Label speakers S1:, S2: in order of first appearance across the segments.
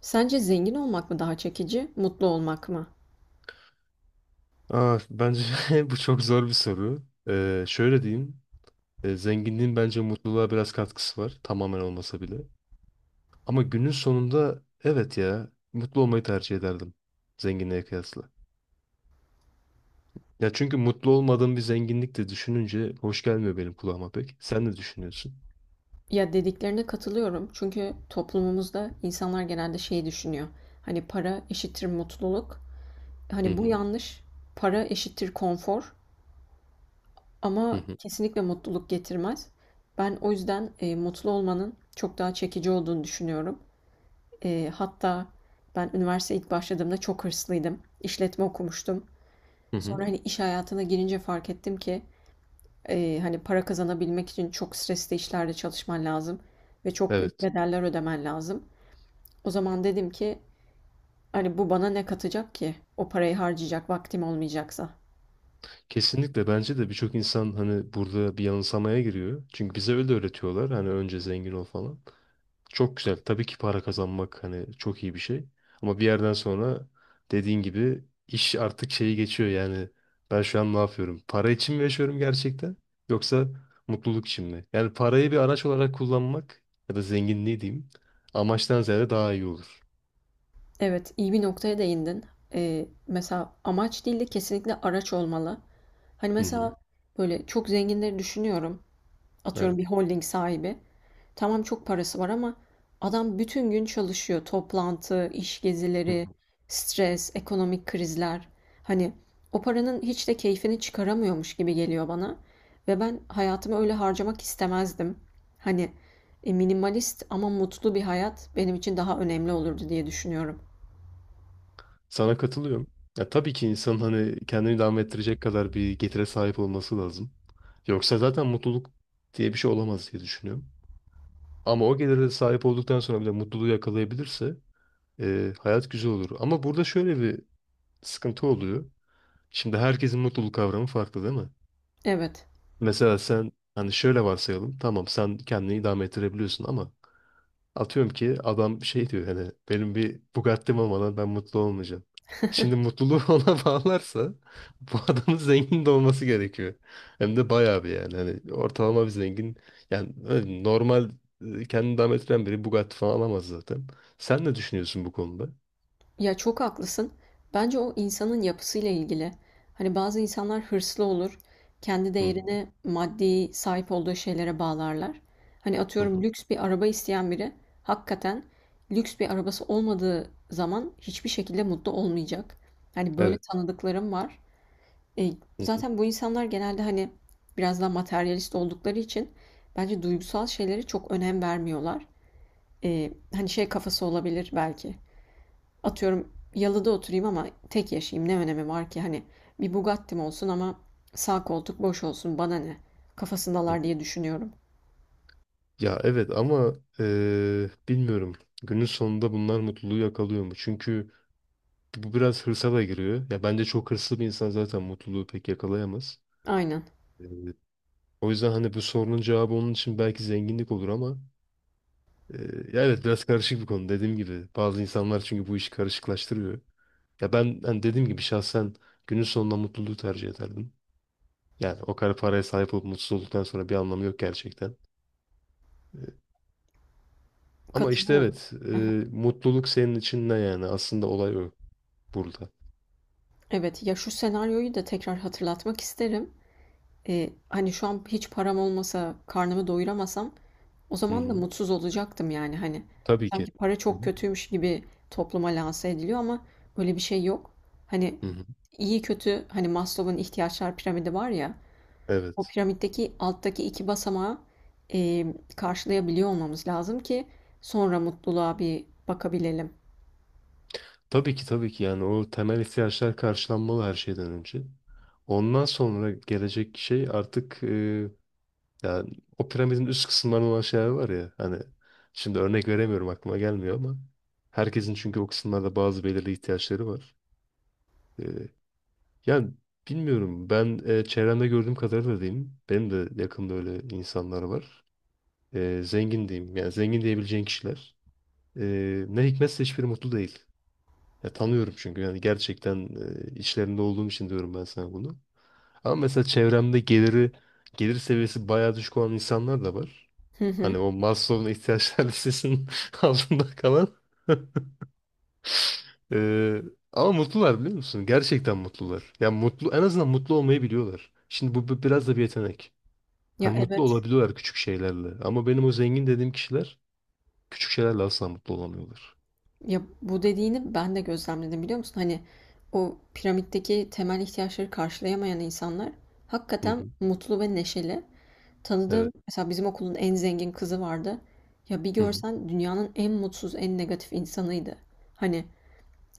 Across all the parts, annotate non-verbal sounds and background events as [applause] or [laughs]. S1: Sence zengin olmak mı daha çekici, mutlu olmak mı?
S2: Bence [laughs] bu çok zor bir soru. Şöyle diyeyim. Zenginliğin bence mutluluğa biraz katkısı var. Tamamen olmasa bile. Ama günün sonunda evet ya mutlu olmayı tercih ederdim. Zenginliğe kıyasla. Ya çünkü mutlu olmadığım bir zenginlik de düşününce hoş gelmiyor benim kulağıma pek. Sen ne düşünüyorsun?
S1: Ya dediklerine katılıyorum çünkü toplumumuzda insanlar genelde şey düşünüyor. Hani para eşittir mutluluk.
S2: Hı
S1: Hani bu
S2: hı.
S1: yanlış. Para eşittir konfor
S2: Hı
S1: ama
S2: hı.
S1: kesinlikle mutluluk getirmez. Ben o yüzden mutlu olmanın çok daha çekici olduğunu düşünüyorum. Hatta ben üniversiteye ilk başladığımda çok hırslıydım. İşletme okumuştum.
S2: Hı hı.
S1: Sonra hani iş hayatına girince fark ettim ki hani para kazanabilmek için çok stresli işlerde çalışman lazım ve çok büyük
S2: Evet.
S1: bedeller ödemen lazım. O zaman dedim ki hani bu bana ne katacak ki? O parayı harcayacak vaktim olmayacaksa.
S2: Kesinlikle bence de birçok insan hani burada bir yanılsamaya giriyor. Çünkü bize öyle öğretiyorlar. Hani önce zengin ol falan. Çok güzel. Tabii ki para kazanmak hani çok iyi bir şey. Ama bir yerden sonra dediğin gibi iş artık şeyi geçiyor yani. Ben şu an ne yapıyorum? Para için mi yaşıyorum gerçekten? Yoksa mutluluk için mi? Yani parayı bir araç olarak kullanmak ya da zenginliği diyeyim amaçtan ziyade daha iyi olur.
S1: Evet, iyi bir noktaya değindin. Mesela amaç değil de kesinlikle araç olmalı. Hani
S2: Hı hı.
S1: mesela böyle çok zenginleri düşünüyorum. Atıyorum
S2: Evet.
S1: bir holding sahibi. Tamam çok parası var ama adam bütün gün çalışıyor. Toplantı, iş
S2: Hı
S1: gezileri,
S2: hı.
S1: stres, ekonomik krizler. Hani o paranın hiç de keyfini çıkaramıyormuş gibi geliyor bana. Ve ben hayatımı öyle harcamak istemezdim. Hani minimalist ama mutlu bir hayat benim için daha önemli olurdu diye düşünüyorum.
S2: Sana katılıyorum. Ya tabii ki insanın hani kendini devam ettirecek kadar bir getire sahip olması lazım. Yoksa zaten mutluluk diye bir şey olamaz diye düşünüyorum. Ama o gelire sahip olduktan sonra bile mutluluğu yakalayabilirse hayat güzel olur. Ama burada şöyle bir sıkıntı oluyor. Şimdi herkesin mutluluk kavramı farklı değil mi?
S1: Evet.
S2: Mesela sen hani şöyle varsayalım. Tamam sen kendini idame ettirebiliyorsun ama atıyorum ki adam şey diyor hani benim bir Bugatti'm olmadan ben mutlu olmayacağım. Şimdi mutluluğu [laughs] ona bağlarsa bu adamın zengin de olması gerekiyor. Hem de bayağı bir yani. Hani ortalama bir zengin yani öyle normal kendini devam ettiren biri Bugatti falan alamaz zaten. Sen ne düşünüyorsun bu konuda?
S1: Ya çok haklısın. Bence o insanın yapısıyla ilgili. Hani bazı insanlar hırslı olur. Kendi
S2: Hı
S1: değerini maddi sahip olduğu şeylere bağlarlar. Hani
S2: hı.
S1: atıyorum
S2: Hı.
S1: lüks bir araba isteyen biri hakikaten lüks bir arabası olmadığı zaman hiçbir şekilde mutlu olmayacak. Hani böyle
S2: Evet.
S1: tanıdıklarım var. E,
S2: Hı hı,
S1: Zaten bu insanlar genelde hani biraz daha materyalist oldukları için bence duygusal şeylere çok önem vermiyorlar. Hani şey kafası olabilir belki. Atıyorum yalıda oturayım ama tek yaşayayım ne önemi var ki hani bir Bugatti'm olsun ama sağ koltuk boş olsun bana ne
S2: hı.
S1: kafasındalar diye düşünüyorum.
S2: Ya evet ama bilmiyorum. Günün sonunda bunlar mutluluğu yakalıyor mu? Çünkü bu biraz hırsa da giriyor. Ya bence çok hırslı bir insan zaten mutluluğu pek yakalayamaz.
S1: Aynen
S2: Ee, O yüzden hani bu sorunun cevabı onun için belki zenginlik olur ama e, ya evet biraz karışık bir konu dediğim gibi. Bazı insanlar çünkü bu işi karışıklaştırıyor. Ya ben hani dediğim gibi şahsen günün sonunda mutluluğu tercih ederdim. Yani o kadar paraya sahip olup mutsuz olduktan sonra bir anlamı yok gerçekten. E, ama işte
S1: katılıyorum.
S2: evet
S1: [laughs]
S2: mutluluk senin için ne yani? Aslında olay o burada.
S1: Evet ya şu senaryoyu da tekrar hatırlatmak isterim. Hani şu an hiç param olmasa karnımı doyuramasam o
S2: Hı
S1: zaman da
S2: hı.
S1: mutsuz olacaktım yani hani
S2: Tabii ki.
S1: sanki para
S2: Hı
S1: çok
S2: hı.
S1: kötüymüş gibi topluma lanse ediliyor ama öyle bir şey yok. Hani
S2: Hı hı.
S1: iyi kötü hani Maslow'un ihtiyaçlar piramidi var ya. O
S2: Evet.
S1: piramitteki alttaki iki basamağı e, karşılayabiliyor olmamız lazım ki sonra mutluluğa bir bakabilelim.
S2: Tabii ki tabii ki yani o temel ihtiyaçlar karşılanmalı her şeyden önce. Ondan sonra gelecek şey artık yani o piramidin üst kısımlarında olan şeyler var ya hani şimdi örnek veremiyorum aklıma gelmiyor ama herkesin çünkü o kısımlarda bazı belirli ihtiyaçları var. E, yani bilmiyorum ben çevremde gördüğüm kadarıyla diyeyim benim de yakında öyle insanlar var. Zengin diyeyim yani zengin diyebileceğin kişiler ne hikmetse hiçbiri mutlu değil. Ya tanıyorum çünkü yani gerçekten içlerinde olduğum için diyorum ben sana bunu. Ama mesela çevremde gelir seviyesi bayağı düşük olan insanlar da var.
S1: Hı hı.
S2: Hani o Maslow'un ihtiyaçlar listesinin [laughs] altında kalan. [laughs] E, ama mutlular biliyor musun? Gerçekten mutlular. Ya mutlu en azından mutlu olmayı biliyorlar. Şimdi bu biraz da bir yetenek.
S1: Ya
S2: Hani mutlu
S1: evet.
S2: olabiliyorlar küçük şeylerle. Ama benim o zengin dediğim kişiler küçük şeylerle asla mutlu olamıyorlar.
S1: Ya bu dediğini ben de gözlemledim biliyor musun? Hani o piramitteki temel ihtiyaçları karşılayamayan insanlar
S2: Hı
S1: hakikaten
S2: hı.
S1: mutlu ve neşeli. Tanıdığım
S2: Evet.
S1: mesela bizim okulun en zengin kızı vardı. Ya bir
S2: Hı hı.
S1: görsen dünyanın en mutsuz, en negatif insanıydı. Hani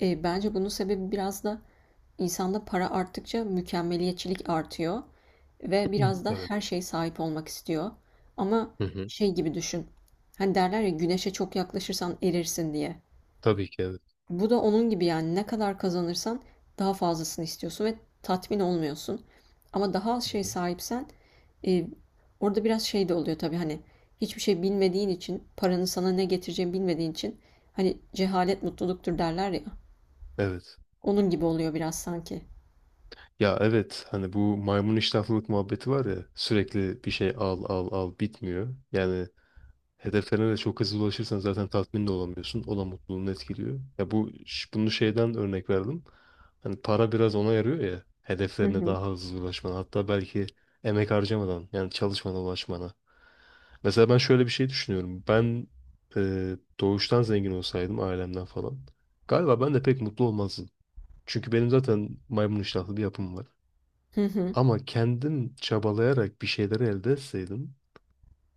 S1: Bence bunun sebebi biraz da insanda para arttıkça mükemmeliyetçilik artıyor
S2: [clears throat]
S1: ve
S2: Hı.
S1: biraz da
S2: Evet.
S1: her şeye sahip olmak istiyor. Ama
S2: Hı hı.
S1: şey gibi düşün. Hani derler ya güneşe çok yaklaşırsan erirsin diye.
S2: Tabii ki evet.
S1: Bu da onun gibi yani ne kadar kazanırsan daha fazlasını istiyorsun ve tatmin olmuyorsun. Ama daha az
S2: Hı
S1: şey
S2: hı.
S1: sahipsen e, orada biraz şey de oluyor tabii hani hiçbir şey bilmediğin için paranın sana ne getireceğini bilmediğin için hani cehalet mutluluktur derler ya.
S2: Evet.
S1: Onun gibi oluyor biraz sanki.
S2: Ya evet hani bu maymun iştahlılık muhabbeti var ya sürekli bir şey al al al bitmiyor. Yani hedeflerine de çok hızlı ulaşırsan zaten tatmin de olamıyorsun. O da mutluluğunu etkiliyor. Ya bu bunu şeyden örnek verdim. Hani para biraz ona yarıyor ya
S1: Hı
S2: hedeflerine
S1: hı.
S2: daha hızlı ulaşmana hatta belki emek harcamadan yani çalışmana ulaşmana. Mesela ben şöyle bir şey düşünüyorum. Ben doğuştan zengin olsaydım ailemden falan galiba ben de pek mutlu olmazdım. Çünkü benim zaten maymun iştahlı bir yapım var.
S1: Hı hı.
S2: Ama kendin çabalayarak bir şeyleri elde etseydin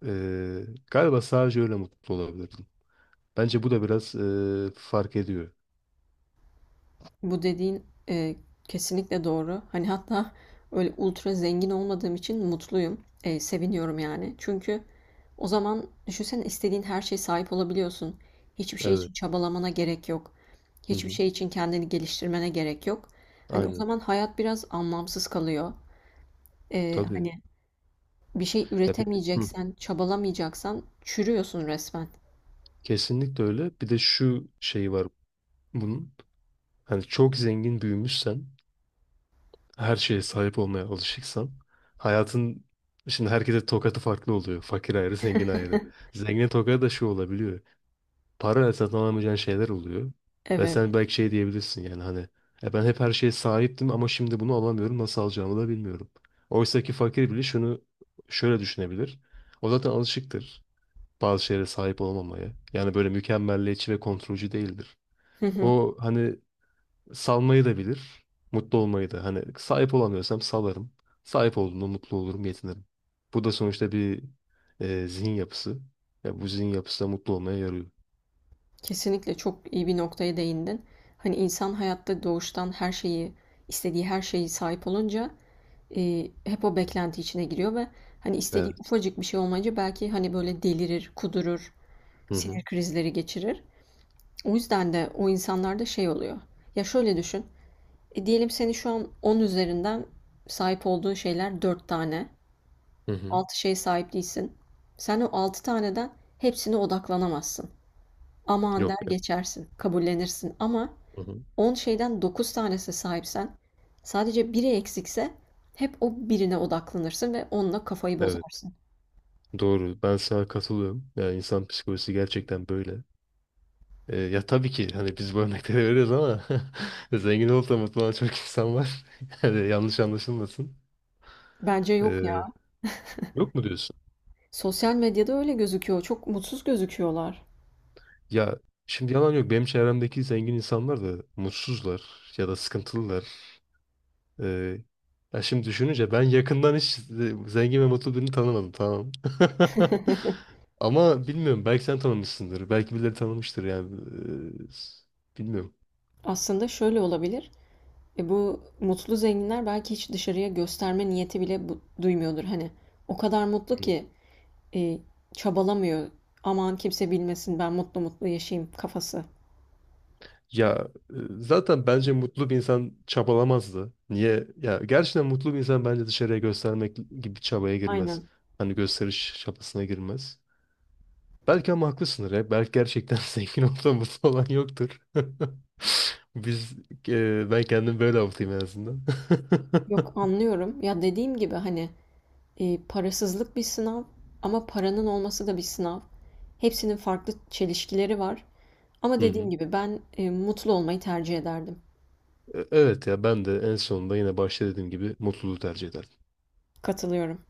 S2: eee, galiba sadece öyle mutlu olabilirdin. Bence bu da biraz fark ediyor.
S1: Bu dediğin e, kesinlikle doğru. Hani hatta öyle ultra zengin olmadığım için mutluyum. Seviniyorum yani. Çünkü o zaman düşünsene istediğin her şeye sahip olabiliyorsun. Hiçbir şey için
S2: Evet.
S1: çabalamana gerek yok.
S2: Hı
S1: Hiçbir
S2: hı.
S1: şey için kendini geliştirmene gerek yok. Hani o
S2: Aynen.
S1: zaman hayat biraz anlamsız kalıyor.
S2: Tabii.
S1: Hani bir şey
S2: Ya bir, hı,
S1: üretemeyeceksen, çabalamayacaksan çürüyorsun resmen.
S2: kesinlikle öyle. Bir de şu şey var bunun. Hani çok zengin büyümüşsen, her şeye sahip olmaya alışıksan, hayatın şimdi herkese tokatı farklı oluyor. Fakir ayrı, zengin ayrı.
S1: [laughs]
S2: Zengin tokadı da şu olabiliyor. Para satın alamayacağın şeyler oluyor. Ve
S1: Evet.
S2: sen belki şey diyebilirsin yani hani ben hep her şeye sahiptim ama şimdi bunu alamıyorum nasıl alacağımı da bilmiyorum. Oysa ki fakir bile şunu şöyle düşünebilir. O zaten alışıktır bazı şeylere sahip olmamaya. Yani böyle mükemmelliyetçi ve kontrolcü değildir.
S1: [laughs]
S2: O hani salmayı da bilir, mutlu olmayı da. Hani sahip olamıyorsam salarım. Sahip olduğumda mutlu olurum, yetinirim. Bu da sonuçta bir zihin yapısı. Ya bu zihin yapısı da mutlu olmaya yarıyor.
S1: Kesinlikle çok iyi bir noktaya değindin. Hani insan hayatta doğuştan her şeyi, istediği her şeyi sahip olunca hep o beklenti içine giriyor ve hani istediği
S2: Evet.
S1: ufacık bir şey olmayınca belki hani böyle delirir, kudurur,
S2: Hı hı.
S1: sinir krizleri geçirir. O yüzden de o insanlarda şey oluyor. Ya şöyle düşün. Diyelim seni şu an 10 üzerinden sahip olduğun şeyler 4 tane.
S2: Hı hı.
S1: 6 şeye sahip değilsin. Sen o 6 taneden hepsine odaklanamazsın. Aman der
S2: Yok.
S1: geçersin, kabullenirsin ama
S2: Hı hı.
S1: 10 şeyden 9 tanesine sahipsen, sadece biri eksikse hep o birine odaklanırsın ve onunla kafayı
S2: Evet.
S1: bozarsın.
S2: Doğru. Ben sana katılıyorum. Yani insan psikolojisi gerçekten böyle. Ya tabii ki hani biz bu örnekleri veriyoruz ama [laughs] zengin olup da mutlu olan çok insan var. [laughs] Yani yanlış anlaşılmasın.
S1: Bence yok
S2: E,
S1: ya.
S2: yok mu diyorsun?
S1: Sosyal medyada öyle gözüküyor. Çok mutsuz gözüküyorlar.
S2: Ya şimdi yalan yok. Benim çevremdeki zengin insanlar da mutsuzlar ya da sıkıntılılar. Ee, ya şimdi düşününce ben yakından hiç zengin ve mutlu birini tanımadım tamam. [laughs] Ama bilmiyorum belki sen tanımışsındır. Belki birileri tanımıştır yani. Bilmiyorum.
S1: Aslında şöyle olabilir. E bu mutlu zenginler belki hiç dışarıya gösterme niyeti bile duymuyordur. Hani o kadar mutlu
S2: Hmm.
S1: ki e, çabalamıyor. Aman kimse bilmesin ben mutlu mutlu yaşayayım kafası.
S2: Ya zaten bence mutlu bir insan çabalamazdı. Niye? Ya gerçekten mutlu bir insan bence dışarıya göstermek gibi bir çabaya girmez.
S1: Aynen.
S2: Hani gösteriş çabasına girmez. Belki ama haklısındır ya. Belki gerçekten [laughs] zengin olsa mutlu olan yoktur. [laughs] Biz ben kendim böyle avutayım en azından. [laughs]
S1: Yok anlıyorum. Ya dediğim gibi hani parasızlık bir sınav ama paranın olması da bir sınav. Hepsinin farklı çelişkileri var ama
S2: Hı
S1: dediğim
S2: hı.
S1: gibi ben, mutlu olmayı tercih ederdim.
S2: Evet ya ben de en sonunda yine başta dediğim gibi mutluluğu tercih ederim.
S1: Katılıyorum.